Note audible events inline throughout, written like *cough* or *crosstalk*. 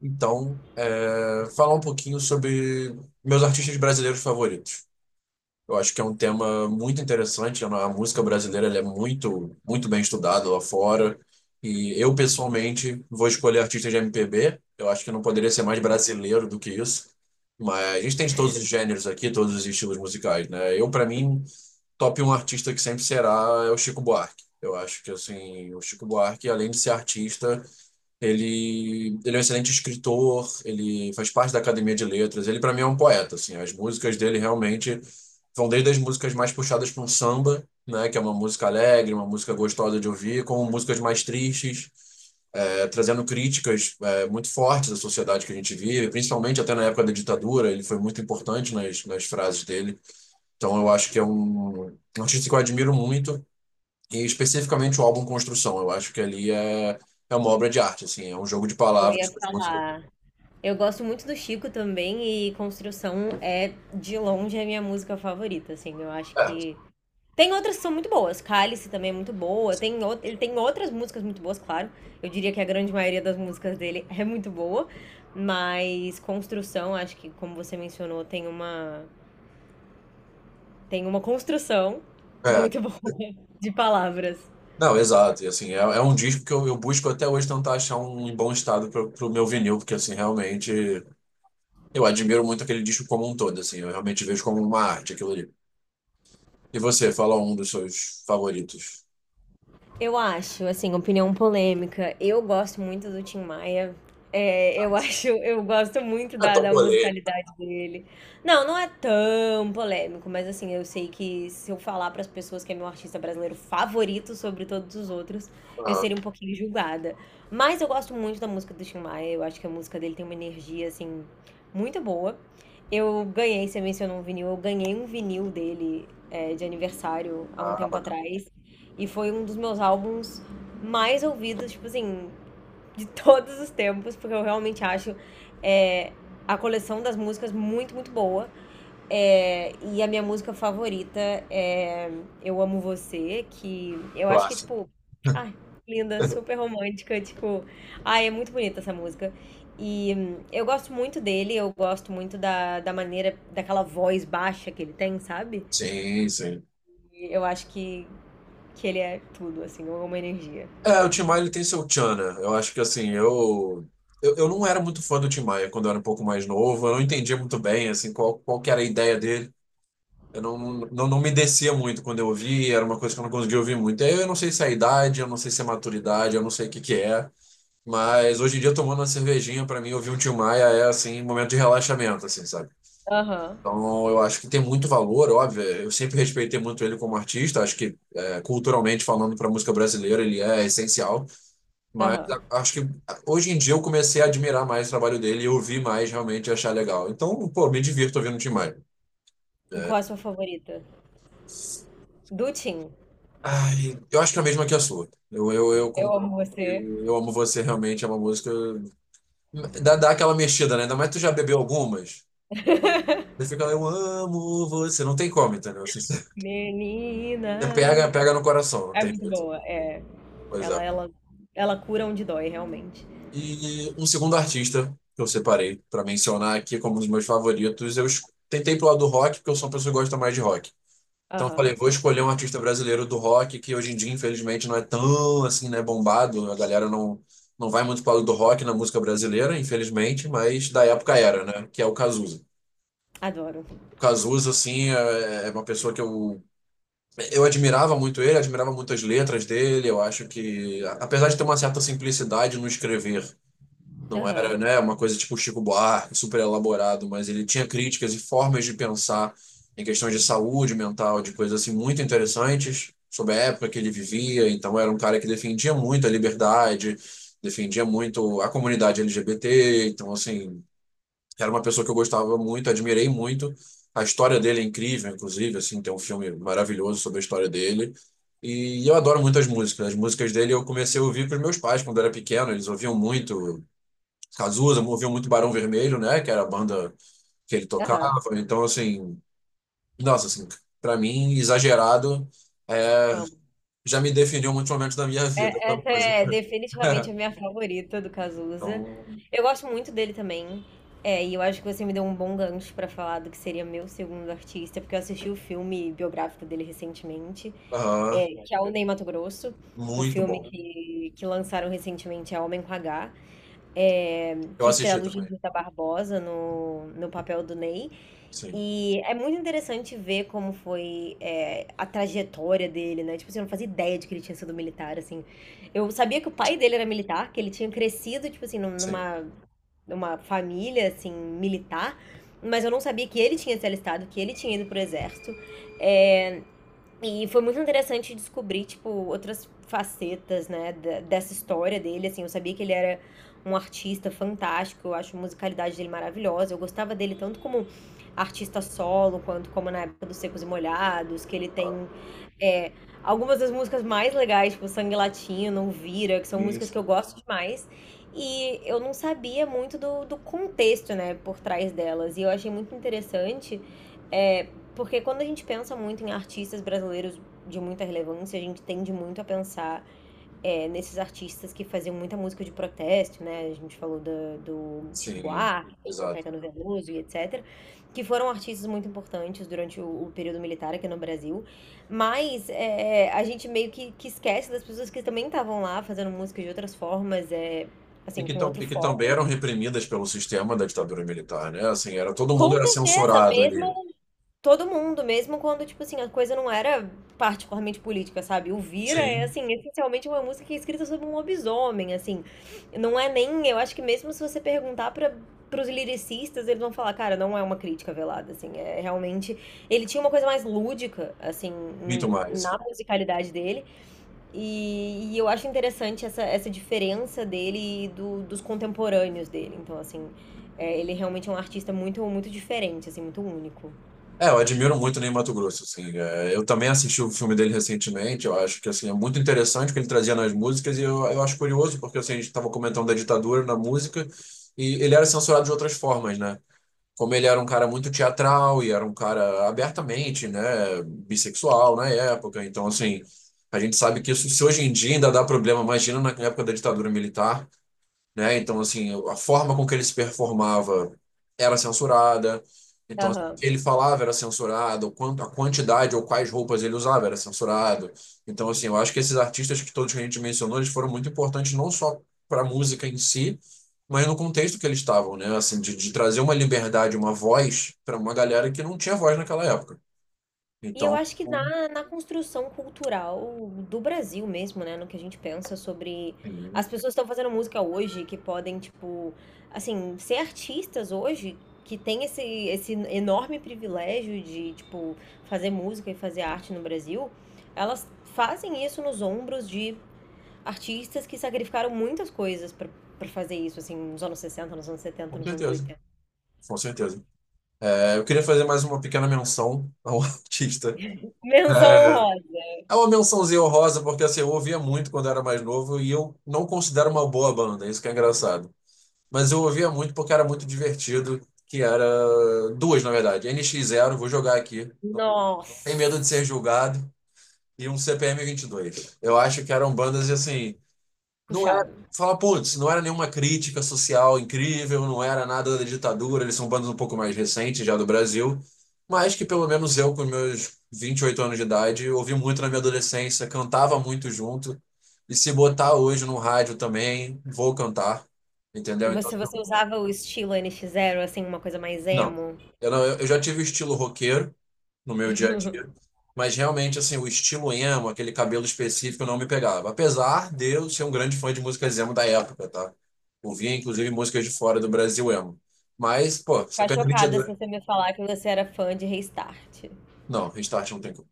Então, falar um pouquinho sobre meus artistas brasileiros favoritos. Eu acho que é um tema muito interessante. A música brasileira ela é muito, muito bem estudada lá fora. E eu, pessoalmente, vou escolher artistas de MPB. Eu acho que não poderia ser mais brasileiro do que isso. Mas a gente tem de todos os gêneros aqui, todos os estilos musicais, né? Eu, para mim, top um artista que sempre será é o Chico Buarque. Eu acho que, assim, o Chico Buarque, além de ser artista, ele é um excelente escritor, ele faz parte da Academia de Letras, ele para mim é um poeta, assim, as músicas dele realmente vão desde as músicas mais puxadas para um samba, né, que é uma música alegre, uma música gostosa de ouvir, como músicas mais tristes, trazendo críticas muito fortes da sociedade que a gente vive, principalmente até na época da ditadura, ele foi muito importante nas frases dele. Então eu acho que é um artista que eu admiro muito e especificamente o álbum Construção, eu acho que ali é uma obra de arte, assim, é um jogo de Eu palavras ia com as músicas. falar. Eu gosto muito do Chico também e Construção é de longe a minha música favorita, assim. Eu acho É, que tem outras que são muito boas. Cálice também é muito boa. Ele tem outras músicas muito boas, claro. Eu diria que a grande maioria das músicas dele *laughs* é muito boa, mas Construção, acho que como você mencionou, tem uma construção é. muito *laughs* boa de palavras. Não, exato, e assim, é um disco que eu busco até hoje tentar achar um em bom estado pro meu vinil, porque assim, realmente eu admiro muito aquele disco como um todo, assim, eu realmente vejo como uma arte aquilo ali. E você, fala um dos seus favoritos. Eu acho, assim, opinião polêmica. Eu gosto muito do Tim Maia. É, eu *laughs* acho, eu gosto muito É da, tão da polêmico. musicalidade dele. Não, não é tão polêmico, mas assim, eu sei que se eu falar para as pessoas que é meu artista brasileiro favorito sobre todos os outros, eu Ah, seria um pouquinho julgada. Mas eu gosto muito da música do Tim Maia. Eu acho que a música dele tem uma energia assim muito boa. Eu ganhei, você mencionou um vinil, eu ganhei um vinil dele de aniversário há um ah, tempo bacana. atrás. E foi um dos meus álbuns mais ouvidos, tipo assim, de todos os tempos, porque eu realmente acho é, a coleção das músicas muito, muito boa. É, e a minha música favorita é Eu Amo Você, que eu acho que é Clássico. tipo. Ai, linda, super *laughs* romântica, tipo. Ai, é muito bonita essa música. E eu gosto muito dele, eu gosto muito da maneira, daquela voz baixa que ele tem, sabe? Sim, sim. E eu acho que ele é tudo, assim, uma energia. É, o Tim Maia ele tem seu tchan, né? Eu acho que assim, eu não era muito fã do Tim Maia quando eu era um pouco mais novo, eu não entendia muito bem assim qual que era a ideia dele. Eu não, não, não me descia muito quando eu ouvia, era uma coisa que eu não conseguia ouvir muito. E aí eu não sei se é a idade, eu não sei se é a maturidade, eu não sei o que que é, mas hoje em dia tomando uma cervejinha pra mim ouvir um Tim Maia é assim, um momento de relaxamento assim, sabe? Aham, Então, eu acho que tem muito valor, óbvio. Eu sempre respeitei muito ele como artista. Acho que, culturalmente falando, para a música brasileira, ele é essencial. Mas aham. Acho que hoje em dia eu comecei a admirar mais o trabalho dele e ouvir mais realmente e achar legal. Então, pô, me divirto ouvindo o Tim Maia. E qual a sua favorita? Do Tim. Ai, eu acho que é a mesma que a sua. Eu Eu concordo amo que você, Eu Amo Você realmente é uma música. Dá aquela mexida, né? Ainda mais tu já bebeu algumas. Você fica, lá, eu amo você. Não tem como, entendeu? Assim, *laughs* você pega, menina. pega no coração, não É tem muito jeito. boa, é. Pois é. Ela, ela, ela cura onde dói, realmente. E um segundo artista que eu separei pra mencionar aqui como um dos meus favoritos. Eu tentei pro lado do rock, porque eu sou uma pessoa que gosta mais de rock. Então eu falei, Aham, vou escolher um artista brasileiro do rock, que hoje em dia, infelizmente, não é tão assim, né, bombado. A galera não vai muito para o lado do rock na música brasileira, infelizmente, mas da época era, né? Que é o Cazuza. adoro. O Cazuza, assim, é uma pessoa que eu admirava muito ele, admirava muito as letras dele. Eu acho que, apesar de ter uma certa simplicidade no escrever, não Aham, era, né, uma coisa tipo Chico Buarque, super elaborado, mas ele tinha críticas e formas de pensar em questões de saúde mental, de coisas assim muito interessantes sobre a época que ele vivia. Então era um cara que defendia muito a liberdade, defendia muito a comunidade LGBT. Então assim, era uma pessoa que eu gostava muito, admirei muito. A história dele é incrível, inclusive, assim, tem um filme maravilhoso sobre a história dele. E eu adoro muito as músicas. As músicas dele eu comecei a ouvir com os meus pais quando era pequeno, eles ouviam muito Cazuza movia muito Barão Vermelho, né? Que era a banda que ele tocava. aham, Então, assim, nossa, assim, pra mim, exagerado, é, amo. já me definiu muitos momentos da minha *laughs* vida, É- essa essa é música. definitivamente a *laughs* minha favorita do Cazuza. Então, Eu gosto muito dele também. É, e eu acho que você me deu um bom gancho pra falar do que seria meu segundo artista, porque eu assisti o filme biográfico dele recentemente. aham, É, que é o Ney Matogrosso, o muito filme bom. uhum. Que lançaram recentemente é Homem com H, é, Eu que assisti estrela o também. Judita Barbosa no, no papel do Ney. Sim, E é muito interessante ver como foi a trajetória dele, né? Tipo, assim, eu não fazia ideia de que ele tinha sido militar, assim. Eu sabia que o pai dele era militar, que ele tinha crescido, tipo assim, sim. numa, numa família, assim, militar. Mas eu não sabia que ele tinha se alistado, que ele tinha ido pro exército. É, e foi muito interessante descobrir, tipo, outras facetas, né, dessa história dele, assim, eu sabia que ele era um artista fantástico, eu acho a musicalidade dele maravilhosa, eu gostava dele tanto como artista solo, quanto como na época dos Secos e Molhados, que ele Ah, tem é, algumas das músicas mais legais, tipo Sangue Latino, Vira, que são músicas que eu isso, gosto demais, e eu não sabia muito do contexto, né, por trás delas, e eu achei muito interessante, é, porque quando a gente pensa muito em artistas brasileiros de muita relevância, a gente tende muito a pensar é, nesses artistas que faziam muita música de protesto, né? A gente falou do Chico sim, Buarque, tem o exato. Caetano Veloso e etc., que foram artistas muito importantes durante o período militar aqui no Brasil. Mas é, a gente meio que esquece das pessoas que também estavam lá fazendo música de outras formas, é, E assim, que, com tam, outro e que também foco. eram reprimidas pelo sistema da ditadura militar, né? Assim, era, todo mundo Com era certeza, censurado ali. mesmo todo mundo, mesmo quando, tipo assim, a coisa não era particularmente política, sabe? O Vira é, Sim, assim, essencialmente uma música que é escrita sobre um lobisomem, assim. Não é nem, eu acho que mesmo se você perguntar para pros lyricistas, eles vão falar, cara, não é uma crítica velada, assim, é realmente... Ele tinha uma coisa mais lúdica, assim, muito em- mais. na musicalidade dele, e eu acho interessante essa, essa diferença dele e dos contemporâneos dele, então, assim, é, ele realmente é um artista muito, muito diferente, assim, muito único. É, eu admiro muito o Ney Matogrosso, assim. É, eu também assisti o filme dele recentemente, eu acho que, assim, é muito interessante o que ele trazia nas músicas e eu acho curioso, porque, assim, a gente estava comentando da ditadura na música e ele era censurado de outras formas, né? Como ele era um cara muito teatral e era um cara abertamente, né, bissexual na época, então, assim, a gente sabe que isso, se hoje em dia ainda dá problema, imagina na época da ditadura militar, né? Então, assim, a forma com que ele se performava era censurada. Então, assim, o que Aham. ele falava era censurado, o quanto, a quantidade ou quais roupas ele usava era censurado. Então, assim, eu acho que esses artistas que todos que a gente mencionou, eles foram muito importantes não só para a música em si, mas no contexto que eles estavam, né? Assim, de trazer uma liberdade, uma voz para uma galera que não tinha voz naquela época. E eu Então, acho que com na construção cultural do Brasil mesmo, né, no que a gente pensa sobre as pessoas estão fazendo música hoje, que podem, tipo, assim, ser artistas hoje, que tem esse, esse enorme privilégio de, tipo, fazer música e fazer arte no Brasil, elas fazem isso nos ombros de artistas que sacrificaram muitas coisas pra para fazer isso, assim, nos anos 60, nos anos 70, nos anos certeza, 80. com certeza. É, eu queria fazer mais uma pequena menção ao *laughs* artista. Menção É. honrosa. É uma mençãozinha honrosa, porque assim, eu ouvia muito quando era mais novo e eu não considero uma boa banda, isso que é engraçado. Mas eu ouvia muito porque era muito divertido, que era duas, na verdade. N X Zero, vou jogar aqui, não tem medo de Nossa, ser julgado, e um CPM 2 Eu acho que eram bandas assim, não era, puxado. fala, putz, não era nenhuma crítica social incrível, não era nada da ditadura, eles são bandos um pouco mais recentes já do Brasil, mas que pelo menos eu, com meus 28 anos de idade, ouvi muito na minha adolescência, cantava muito junto, e se botar hoje no rádio também, vou cantar, entendeu? Então, Você assim, você usava o estilo N nx Zero assim, uma coisa mais não. emo? Eu não, eu já tive o estilo roqueiro no meu dia a dia, mas realmente assim, o estilo emo, aquele cabelo específico não me pegava. Apesar de eu ser um grande fã de músicas emo da época, tá? Ouvia inclusive músicas de fora do Brasil emo. Mas, pô, Vou você ficar perde chocada se 22. você me falar que você era fã de Restart. Não, Restart não tem como.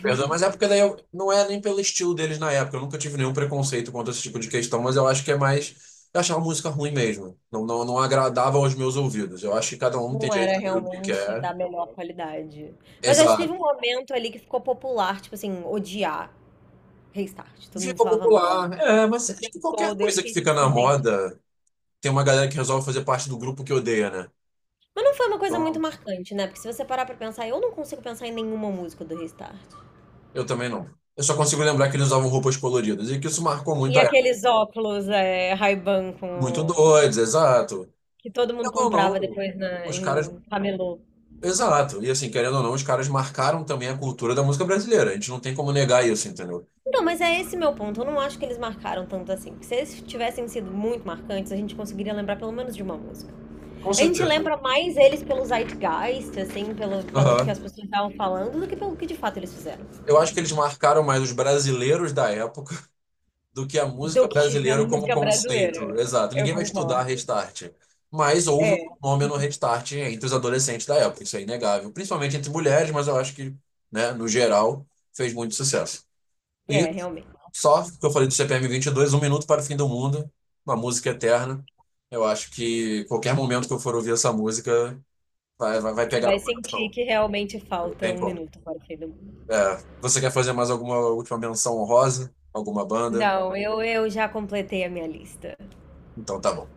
Perdão, mas é porque daí eu, não é nem pelo estilo deles na época. Eu nunca tive nenhum preconceito contra esse tipo de questão, mas eu acho que é mais. Eu achava a música ruim mesmo. Não, não, não agradava aos meus ouvidos. Eu acho que cada um tem Não era direito de ouvir o que realmente quer. da melhor qualidade. Mas acho que teve Exato. um momento ali que ficou popular, tipo assim, odiar Restart. Todo Fica mundo falava mal popular. É, mas o acho que tempo qualquer todo. Eu coisa que fiquei tipo fica assim, na gente. moda, tem uma galera que resolve fazer parte do grupo que odeia, né? Mas não foi uma coisa muito Então, marcante, né? Porque se você parar pra pensar, eu não consigo pensar em nenhuma música do Restart. eu também não. Eu só consigo lembrar que eles usavam roupas coloridas e que isso marcou muito E a época. aqueles óculos, é, Ray-Ban Muito com. doidos, exato. Que todo mundo Querendo ou comprava não, depois na, os em caras. camelô. Exato. E assim, querendo ou não, os caras marcaram também a cultura da música brasileira. A gente não tem como negar isso, entendeu? Não, mas é esse meu ponto. Eu não acho que eles marcaram tanto assim. Porque se eles tivessem sido muito marcantes, a gente conseguiria lembrar pelo menos de uma música. Com A gente certeza. lembra mais eles pelo zeitgeist, assim, pelo, pelo que Aham. as pessoas estavam falando, do que pelo que de fato eles fizeram. Eu acho que eles marcaram mais os brasileiros da época do que a Do música que a brasileira como música brasileira. conceito. Exato. Eu Ninguém vai estudar concordo. Restart. Mas houve É, o fenômeno Restart entre os adolescentes da época, isso é inegável. Principalmente entre mulheres, mas eu acho que, né, no geral, fez muito sucesso. E é, realmente. só que eu falei do CPM 22, Um Minuto para o Fim do Mundo, uma música eterna. Eu acho que qualquer momento que eu for ouvir essa música, vai Você pegar vai no sentir coração. que realmente Não falta tem um como. minuto para o fim do mundo. É, você quer fazer mais alguma última menção honrosa? Alguma banda? Não, eu já completei a minha lista. Então tá bom.